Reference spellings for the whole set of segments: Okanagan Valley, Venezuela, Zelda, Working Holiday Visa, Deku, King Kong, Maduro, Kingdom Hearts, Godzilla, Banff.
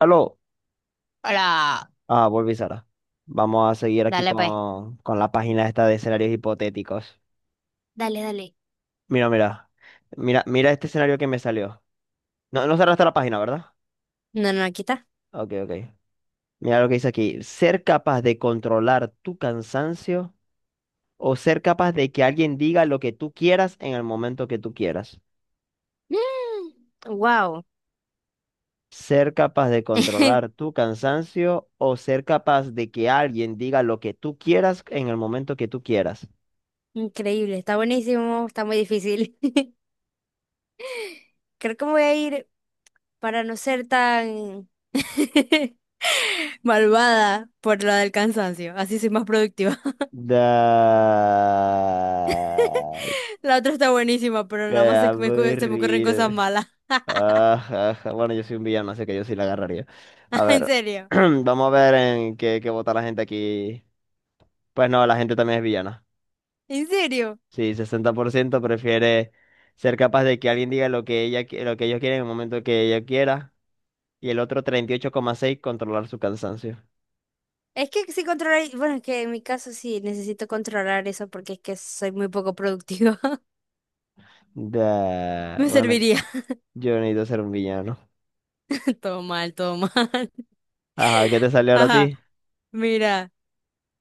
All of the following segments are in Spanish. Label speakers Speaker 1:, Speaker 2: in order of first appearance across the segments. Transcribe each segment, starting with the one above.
Speaker 1: Aló,
Speaker 2: Hola.
Speaker 1: volví Sara. Vamos a seguir aquí
Speaker 2: Dale, pues.
Speaker 1: con la página esta de escenarios hipotéticos.
Speaker 2: Dale, dale.
Speaker 1: Mira, mira, mira, mira este escenario que me salió. No, no cerraste la página, ¿verdad?
Speaker 2: No, no, aquí está.
Speaker 1: Ok, ok. Mira lo que dice aquí. Ser capaz de controlar tu cansancio o ser capaz de que alguien diga lo que tú quieras en el momento que tú quieras.
Speaker 2: Wow.
Speaker 1: Ser capaz de controlar tu cansancio o ser capaz de que alguien diga lo que tú quieras en el momento que tú quieras.
Speaker 2: Increíble. Está buenísimo. Está muy difícil. Creo que me voy a ir para no ser tan malvada por la del cansancio. Así soy más productiva.
Speaker 1: Da...
Speaker 2: La otra está buenísima, pero
Speaker 1: Qué
Speaker 2: nada más se me ocurren cosas
Speaker 1: aburrido.
Speaker 2: malas.
Speaker 1: Ajá, ajá. Bueno, yo soy un villano, así que yo sí la agarraría. A
Speaker 2: En
Speaker 1: ver,
Speaker 2: serio.
Speaker 1: vamos a ver en qué vota la gente aquí. Pues no, la gente también es villana.
Speaker 2: En serio.
Speaker 1: Sí, 60% prefiere ser capaz de que alguien diga lo que ella, lo que ellos quieren en el momento que ella quiera. Y el otro 38,6 controlar su cansancio.
Speaker 2: Es que sí controlar, bueno, es que en mi caso sí necesito controlar eso porque es que soy muy poco productiva.
Speaker 1: Da...
Speaker 2: Me
Speaker 1: Bueno,
Speaker 2: serviría.
Speaker 1: yo necesito ser un villano.
Speaker 2: Todo mal, todo mal.
Speaker 1: Ajá, ¿qué te salió ahora a
Speaker 2: Ajá,
Speaker 1: ti?
Speaker 2: mira.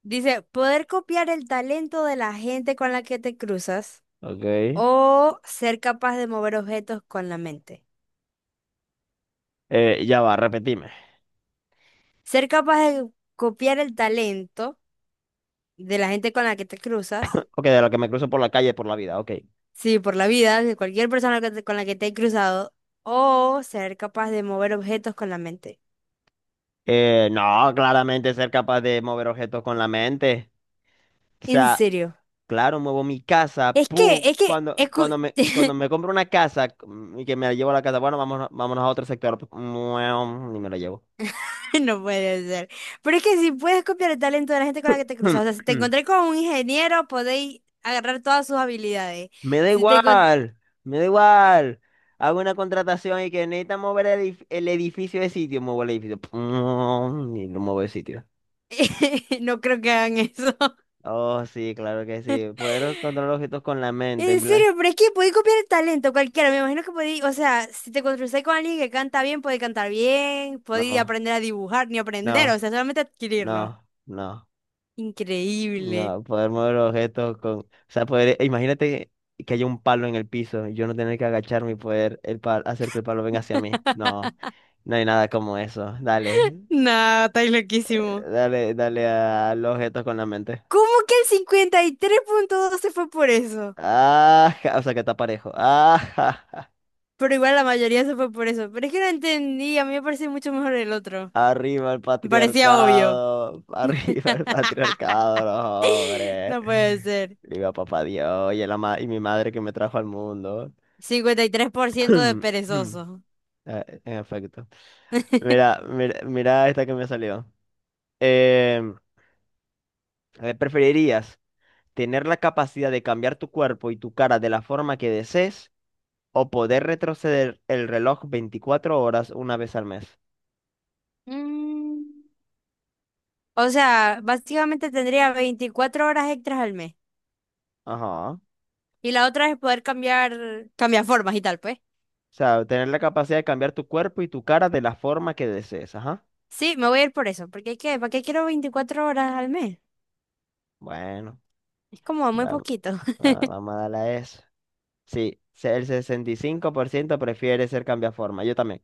Speaker 2: Dice, poder copiar el talento de la gente con la que te cruzas
Speaker 1: Ok.
Speaker 2: o ser capaz de mover objetos con la mente.
Speaker 1: Ya va, repetime.
Speaker 2: Ser capaz de copiar el talento de la gente con la que te cruzas,
Speaker 1: Ok, de lo que me cruzo por la calle, por la vida, ok.
Speaker 2: sí, por la vida, de cualquier persona con la que te he cruzado, o ser capaz de mover objetos con la mente.
Speaker 1: No, claramente ser capaz de mover objetos con la mente. O
Speaker 2: En
Speaker 1: sea,
Speaker 2: serio.
Speaker 1: claro, muevo mi casa,
Speaker 2: Es que,
Speaker 1: pum.
Speaker 2: es que, escu-
Speaker 1: Cuando me compro una casa, y que me la llevo a la casa, bueno, vámonos, vámonos a otro sector. Mueom, ni me la llevo.
Speaker 2: no puede ser. Pero es que si puedes copiar el talento de la gente con la que te cruzas, o sea, si te encontré con un ingeniero, podéis agarrar todas sus habilidades.
Speaker 1: Me da
Speaker 2: Si te encon-
Speaker 1: igual, me da igual. Hago una contratación y que necesita mover el edificio de sitio, muevo el edificio. Pum, y lo muevo de sitio.
Speaker 2: No creo que hagan eso.
Speaker 1: Oh, sí, claro que sí. Poder controlar objetos con la mente,
Speaker 2: En
Speaker 1: en plan.
Speaker 2: serio, pero es que podéis copiar el talento cualquiera. Me imagino que podéis, o sea, si te cruzáis con alguien que canta bien, podéis cantar bien, podéis
Speaker 1: No.
Speaker 2: aprender a dibujar, ni aprender, o
Speaker 1: No,
Speaker 2: sea, solamente adquirirlo.
Speaker 1: no, no,
Speaker 2: Increíble.
Speaker 1: no, poder mover objetos con, o sea, poder, imagínate que haya un palo en el piso y yo no tener que agacharme y poder hacer que el palo venga hacia mí. No, no hay nada como eso. Dale,
Speaker 2: No, estáis loquísimo.
Speaker 1: dale, dale al objetos con la mente.
Speaker 2: ¿Cómo que el 53,2 se fue por eso?
Speaker 1: Ah, ja, o sea que está parejo. Ah, ja,
Speaker 2: Pero igual la mayoría se fue por eso. Pero es que no entendí, a mí me parecía mucho mejor el otro.
Speaker 1: arriba el
Speaker 2: Me parecía obvio.
Speaker 1: patriarcado, arriba el patriarcado, no, hombre.
Speaker 2: No puede ser.
Speaker 1: Viva papá Dios y mi madre que me trajo al mundo.
Speaker 2: 53% de perezoso.
Speaker 1: Ah, en efecto. Mira, mira, mira esta que me salió. Em, ¿Preferirías tener la capacidad de cambiar tu cuerpo y tu cara de la forma que desees o poder retroceder el reloj 24 horas una vez al mes?
Speaker 2: Mm. O sea, básicamente tendría 24 horas extras al mes.
Speaker 1: Ajá. O
Speaker 2: Y la otra es poder cambiar, cambiar formas y tal, pues.
Speaker 1: sea, tener la capacidad de cambiar tu cuerpo y tu cara de la forma que desees. Ajá.
Speaker 2: Sí, me voy a ir por eso. Porque ¿qué? ¿Para qué quiero 24 horas al mes?
Speaker 1: Bueno,
Speaker 2: Es como muy
Speaker 1: vam-
Speaker 2: poquito.
Speaker 1: vamos a darle a eso. Sí, el 65% prefiere ser cambiaforma. Yo también.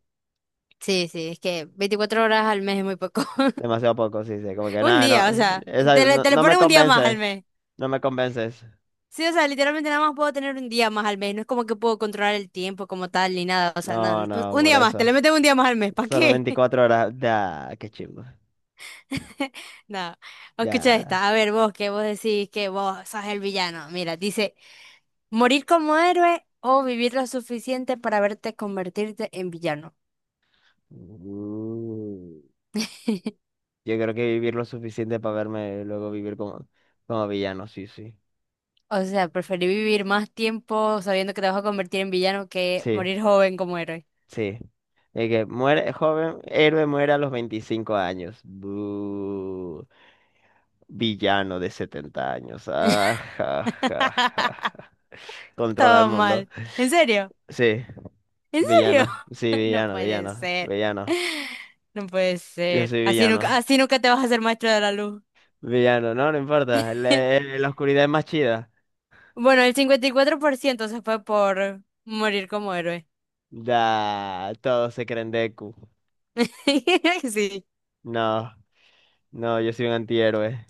Speaker 2: Sí, sí, es que 24 horas al mes es muy poco.
Speaker 1: Demasiado poco, sí, sí. Como que
Speaker 2: Un
Speaker 1: nada, no,
Speaker 2: día, o sea,
Speaker 1: esa
Speaker 2: te le,
Speaker 1: no,
Speaker 2: te le
Speaker 1: no me
Speaker 2: ponen un día más al
Speaker 1: convence.
Speaker 2: mes.
Speaker 1: No me convences.
Speaker 2: Sí, o sea, literalmente nada más puedo tener un día más al mes. No es como que puedo controlar el tiempo como tal ni nada. O sea, no,
Speaker 1: No,
Speaker 2: un,
Speaker 1: no,
Speaker 2: un
Speaker 1: por
Speaker 2: día más, te
Speaker 1: eso.
Speaker 2: le meten un día más al mes. ¿Para
Speaker 1: Solo
Speaker 2: qué?
Speaker 1: 24 horas. Ya, qué chimbo.
Speaker 2: No. Escucha
Speaker 1: Ya.
Speaker 2: esta. A ver, vos que vos decís que vos sos el villano. Mira, dice, morir como héroe o vivir lo suficiente para verte convertirte en villano.
Speaker 1: Uh, yo creo que vivir lo suficiente para verme luego vivir como villano, sí, sí.
Speaker 2: O sea, preferí vivir más tiempo sabiendo que te vas a convertir en villano que
Speaker 1: Sí,
Speaker 2: morir joven como héroe.
Speaker 1: sí. De que muere, joven, héroe muere a los 25 años. Buh. Villano de 70 años. Ah, ja, ja, ja, ja. Controla el
Speaker 2: Todo
Speaker 1: mundo.
Speaker 2: mal. ¿En serio?
Speaker 1: Sí,
Speaker 2: ¿En serio?
Speaker 1: villano. Sí,
Speaker 2: No
Speaker 1: villano,
Speaker 2: puede
Speaker 1: villano,
Speaker 2: ser.
Speaker 1: villano.
Speaker 2: No puede
Speaker 1: Yo
Speaker 2: ser.
Speaker 1: soy villano.
Speaker 2: Así nunca te vas a hacer maestro de la luz.
Speaker 1: Villano, no, no importa. La, eh, la oscuridad es más chida.
Speaker 2: Bueno, el 54% se fue por morir como héroe.
Speaker 1: Da, todos se creen Deku.
Speaker 2: Sí,
Speaker 1: No, no, yo soy un antihéroe.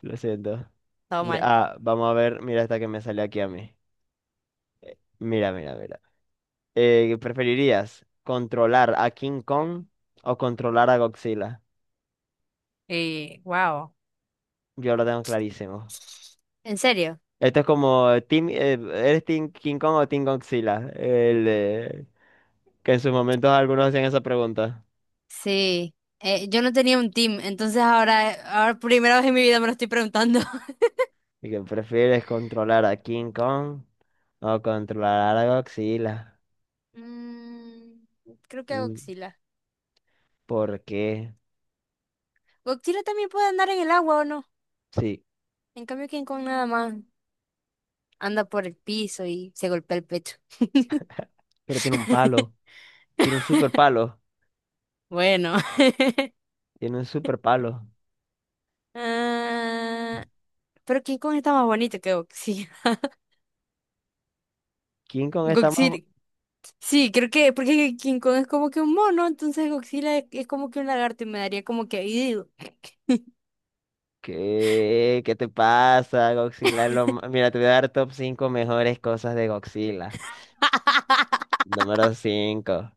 Speaker 1: Lo siento.
Speaker 2: todo mal.
Speaker 1: Vamos a ver, mira esta que me sale aquí a mí. Mira, mira, mira. ¿Preferirías controlar a King Kong o controlar a Godzilla?
Speaker 2: Y, wow.
Speaker 1: Yo lo tengo clarísimo.
Speaker 2: ¿En serio?
Speaker 1: Esto es como, team, ¿eres Team King Kong o Team Godzilla? Que en sus momentos algunos hacían esa pregunta.
Speaker 2: Sí. Yo no tenía un team, entonces ahora primera vez en mi vida me lo estoy preguntando.
Speaker 1: ¿Y que prefieres controlar a King Kong o controlar a Godzilla?
Speaker 2: Mm, Creo que
Speaker 1: Mm,
Speaker 2: Godzilla.
Speaker 1: ¿por qué?
Speaker 2: Godzilla también puede andar en el agua, ¿o no?
Speaker 1: Sí,
Speaker 2: En cambio, King Kong nada más anda por el piso y se golpea el pecho.
Speaker 1: pero tiene un palo. Tiene un super palo.
Speaker 2: Bueno.
Speaker 1: Tiene un super palo.
Speaker 2: Ah, pero King Kong está más bonito que Godzilla.
Speaker 1: King Kong está más...
Speaker 2: Godzilla. Sí, creo que porque King Kong es como que un mono, entonces Godzilla es como que un lagarto y me daría como que... "Ew".
Speaker 1: ¿Qué? ¿Qué te pasa? Godzilla es lo ma- Mira, te voy a dar top cinco mejores cosas de Godzilla. Número 5,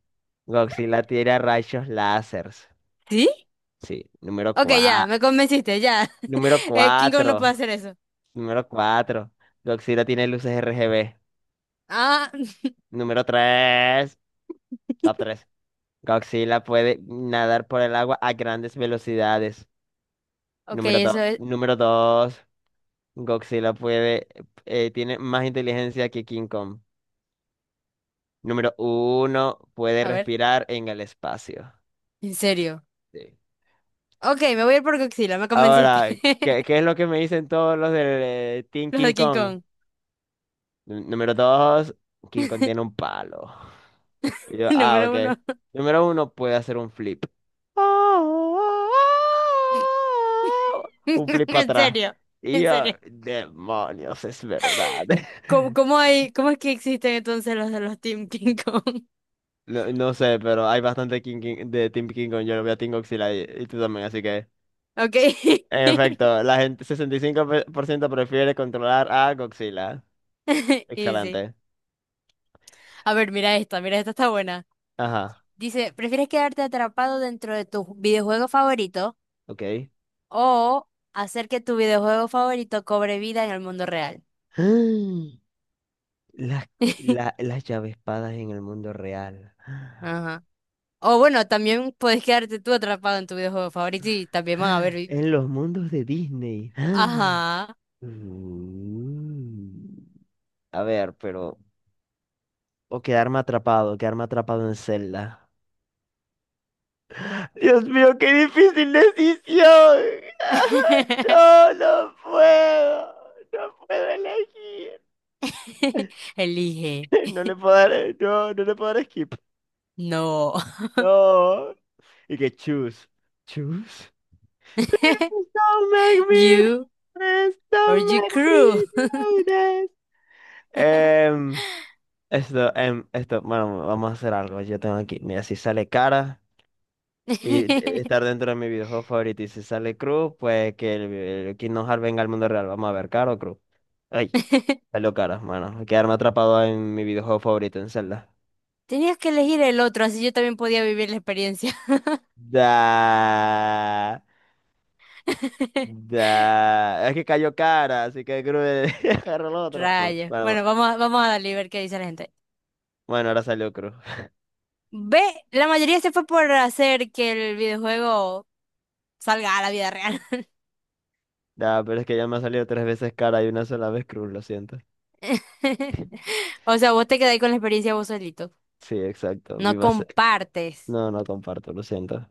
Speaker 1: Godzilla tira rayos láseres.
Speaker 2: ¿Sí?
Speaker 1: Sí.
Speaker 2: Ok, ya, me convenciste, ya.
Speaker 1: Número
Speaker 2: King Kong no puede
Speaker 1: 4,
Speaker 2: hacer eso.
Speaker 1: Número 4. Godzilla tiene luces RGB.
Speaker 2: Ah,
Speaker 1: Número 3, Top 3, Godzilla puede nadar por el agua a grandes velocidades.
Speaker 2: ok, eso es...
Speaker 1: Número 2, Godzilla puede, tiene más inteligencia que King Kong. Número uno, puede
Speaker 2: A ver,
Speaker 1: respirar en el espacio.
Speaker 2: en serio.
Speaker 1: Sí.
Speaker 2: Ok, me voy a ir por Godzilla, me convenciste.
Speaker 1: Ahora, qué es lo que me dicen todos los del Team
Speaker 2: Los
Speaker 1: King
Speaker 2: de King
Speaker 1: Kong?
Speaker 2: Kong.
Speaker 1: Número 2, King Kong tiene un palo. Y yo, ah,
Speaker 2: Número
Speaker 1: ok.
Speaker 2: uno.
Speaker 1: Número uno, puede hacer un flip. Un flip para
Speaker 2: En
Speaker 1: atrás.
Speaker 2: serio,
Speaker 1: Y
Speaker 2: en
Speaker 1: yo,
Speaker 2: serio.
Speaker 1: demonios, es verdad.
Speaker 2: ¿Cómo, cómo hay, cómo es que existen entonces los de los Team King Kong?
Speaker 1: No, no sé, pero hay bastante de Team King Kong. Yo lo veo a Team Godzilla y tú también, así que.
Speaker 2: Ok.
Speaker 1: En efecto, la gente, 65% prefiere controlar a Godzilla.
Speaker 2: Y sí.
Speaker 1: Excelente.
Speaker 2: A ver, mira esta está buena.
Speaker 1: Ajá,
Speaker 2: Dice, ¿prefieres quedarte atrapado dentro de tu videojuego favorito
Speaker 1: ok.
Speaker 2: o hacer que tu videojuego favorito cobre vida en el mundo real?
Speaker 1: Las, las llavespadas en el mundo real.
Speaker 2: Ajá. O bueno, también puedes quedarte tú atrapado en tu videojuego favorito y también van a ver.
Speaker 1: ¡Ah! En los mundos de Disney. ¡Ah!
Speaker 2: Ajá.
Speaker 1: Mm. A ver, pero... O quedarme atrapado en celda. Dios mío, qué difícil decisión. No, no puedo. No puedo elegir.
Speaker 2: Elige.
Speaker 1: No le puedo dar, no le puedo dar skip.
Speaker 2: No.
Speaker 1: No. Y que choose. Choose. Please don't make me do
Speaker 2: You
Speaker 1: this.
Speaker 2: or
Speaker 1: Don't
Speaker 2: your
Speaker 1: make
Speaker 2: crew.
Speaker 1: me do this. Em, esto, bueno, vamos a hacer algo. Yo tengo aquí, mira, si sale cara y estar dentro de mi videojuego favorito, y si sale cruz, pues que el Kingdom Hearts venga al mundo real. Vamos a ver, cara o cruz. Ay, salió cara, mano. Quedarme atrapado en mi videojuego favorito, en Zelda.
Speaker 2: Tenías que elegir el otro, así yo también podía vivir la experiencia.
Speaker 1: Da, da. Es que cayó cara, así que cruz agarró el otro. Bueno,
Speaker 2: Rayo.
Speaker 1: bueno,
Speaker 2: Bueno, vamos a darle y ver qué dice la gente.
Speaker 1: bueno, ahora salió cruz.
Speaker 2: Ve, la mayoría se fue por hacer que el videojuego salga a la vida real.
Speaker 1: Da, pero es que ya me ha salido tres veces cara y una sola vez cruz, lo siento.
Speaker 2: O sea, vos te quedáis con la experiencia vos solito.
Speaker 1: Sí, exacto.
Speaker 2: No
Speaker 1: Viva.
Speaker 2: compartes.
Speaker 1: No, no comparto, lo siento.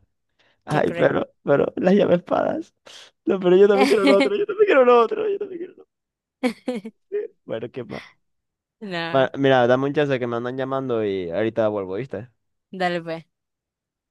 Speaker 2: Qué
Speaker 1: Ay,
Speaker 2: cruel.
Speaker 1: pero, las llaves espadas. No, pero yo también quiero lo otro, yo también quiero lo otro, yo también quiero lo otro. Bueno, qué más. Bueno,
Speaker 2: No,
Speaker 1: mira, dame un chance que me andan llamando y ahorita vuelvo, ¿viste?
Speaker 2: dale pues.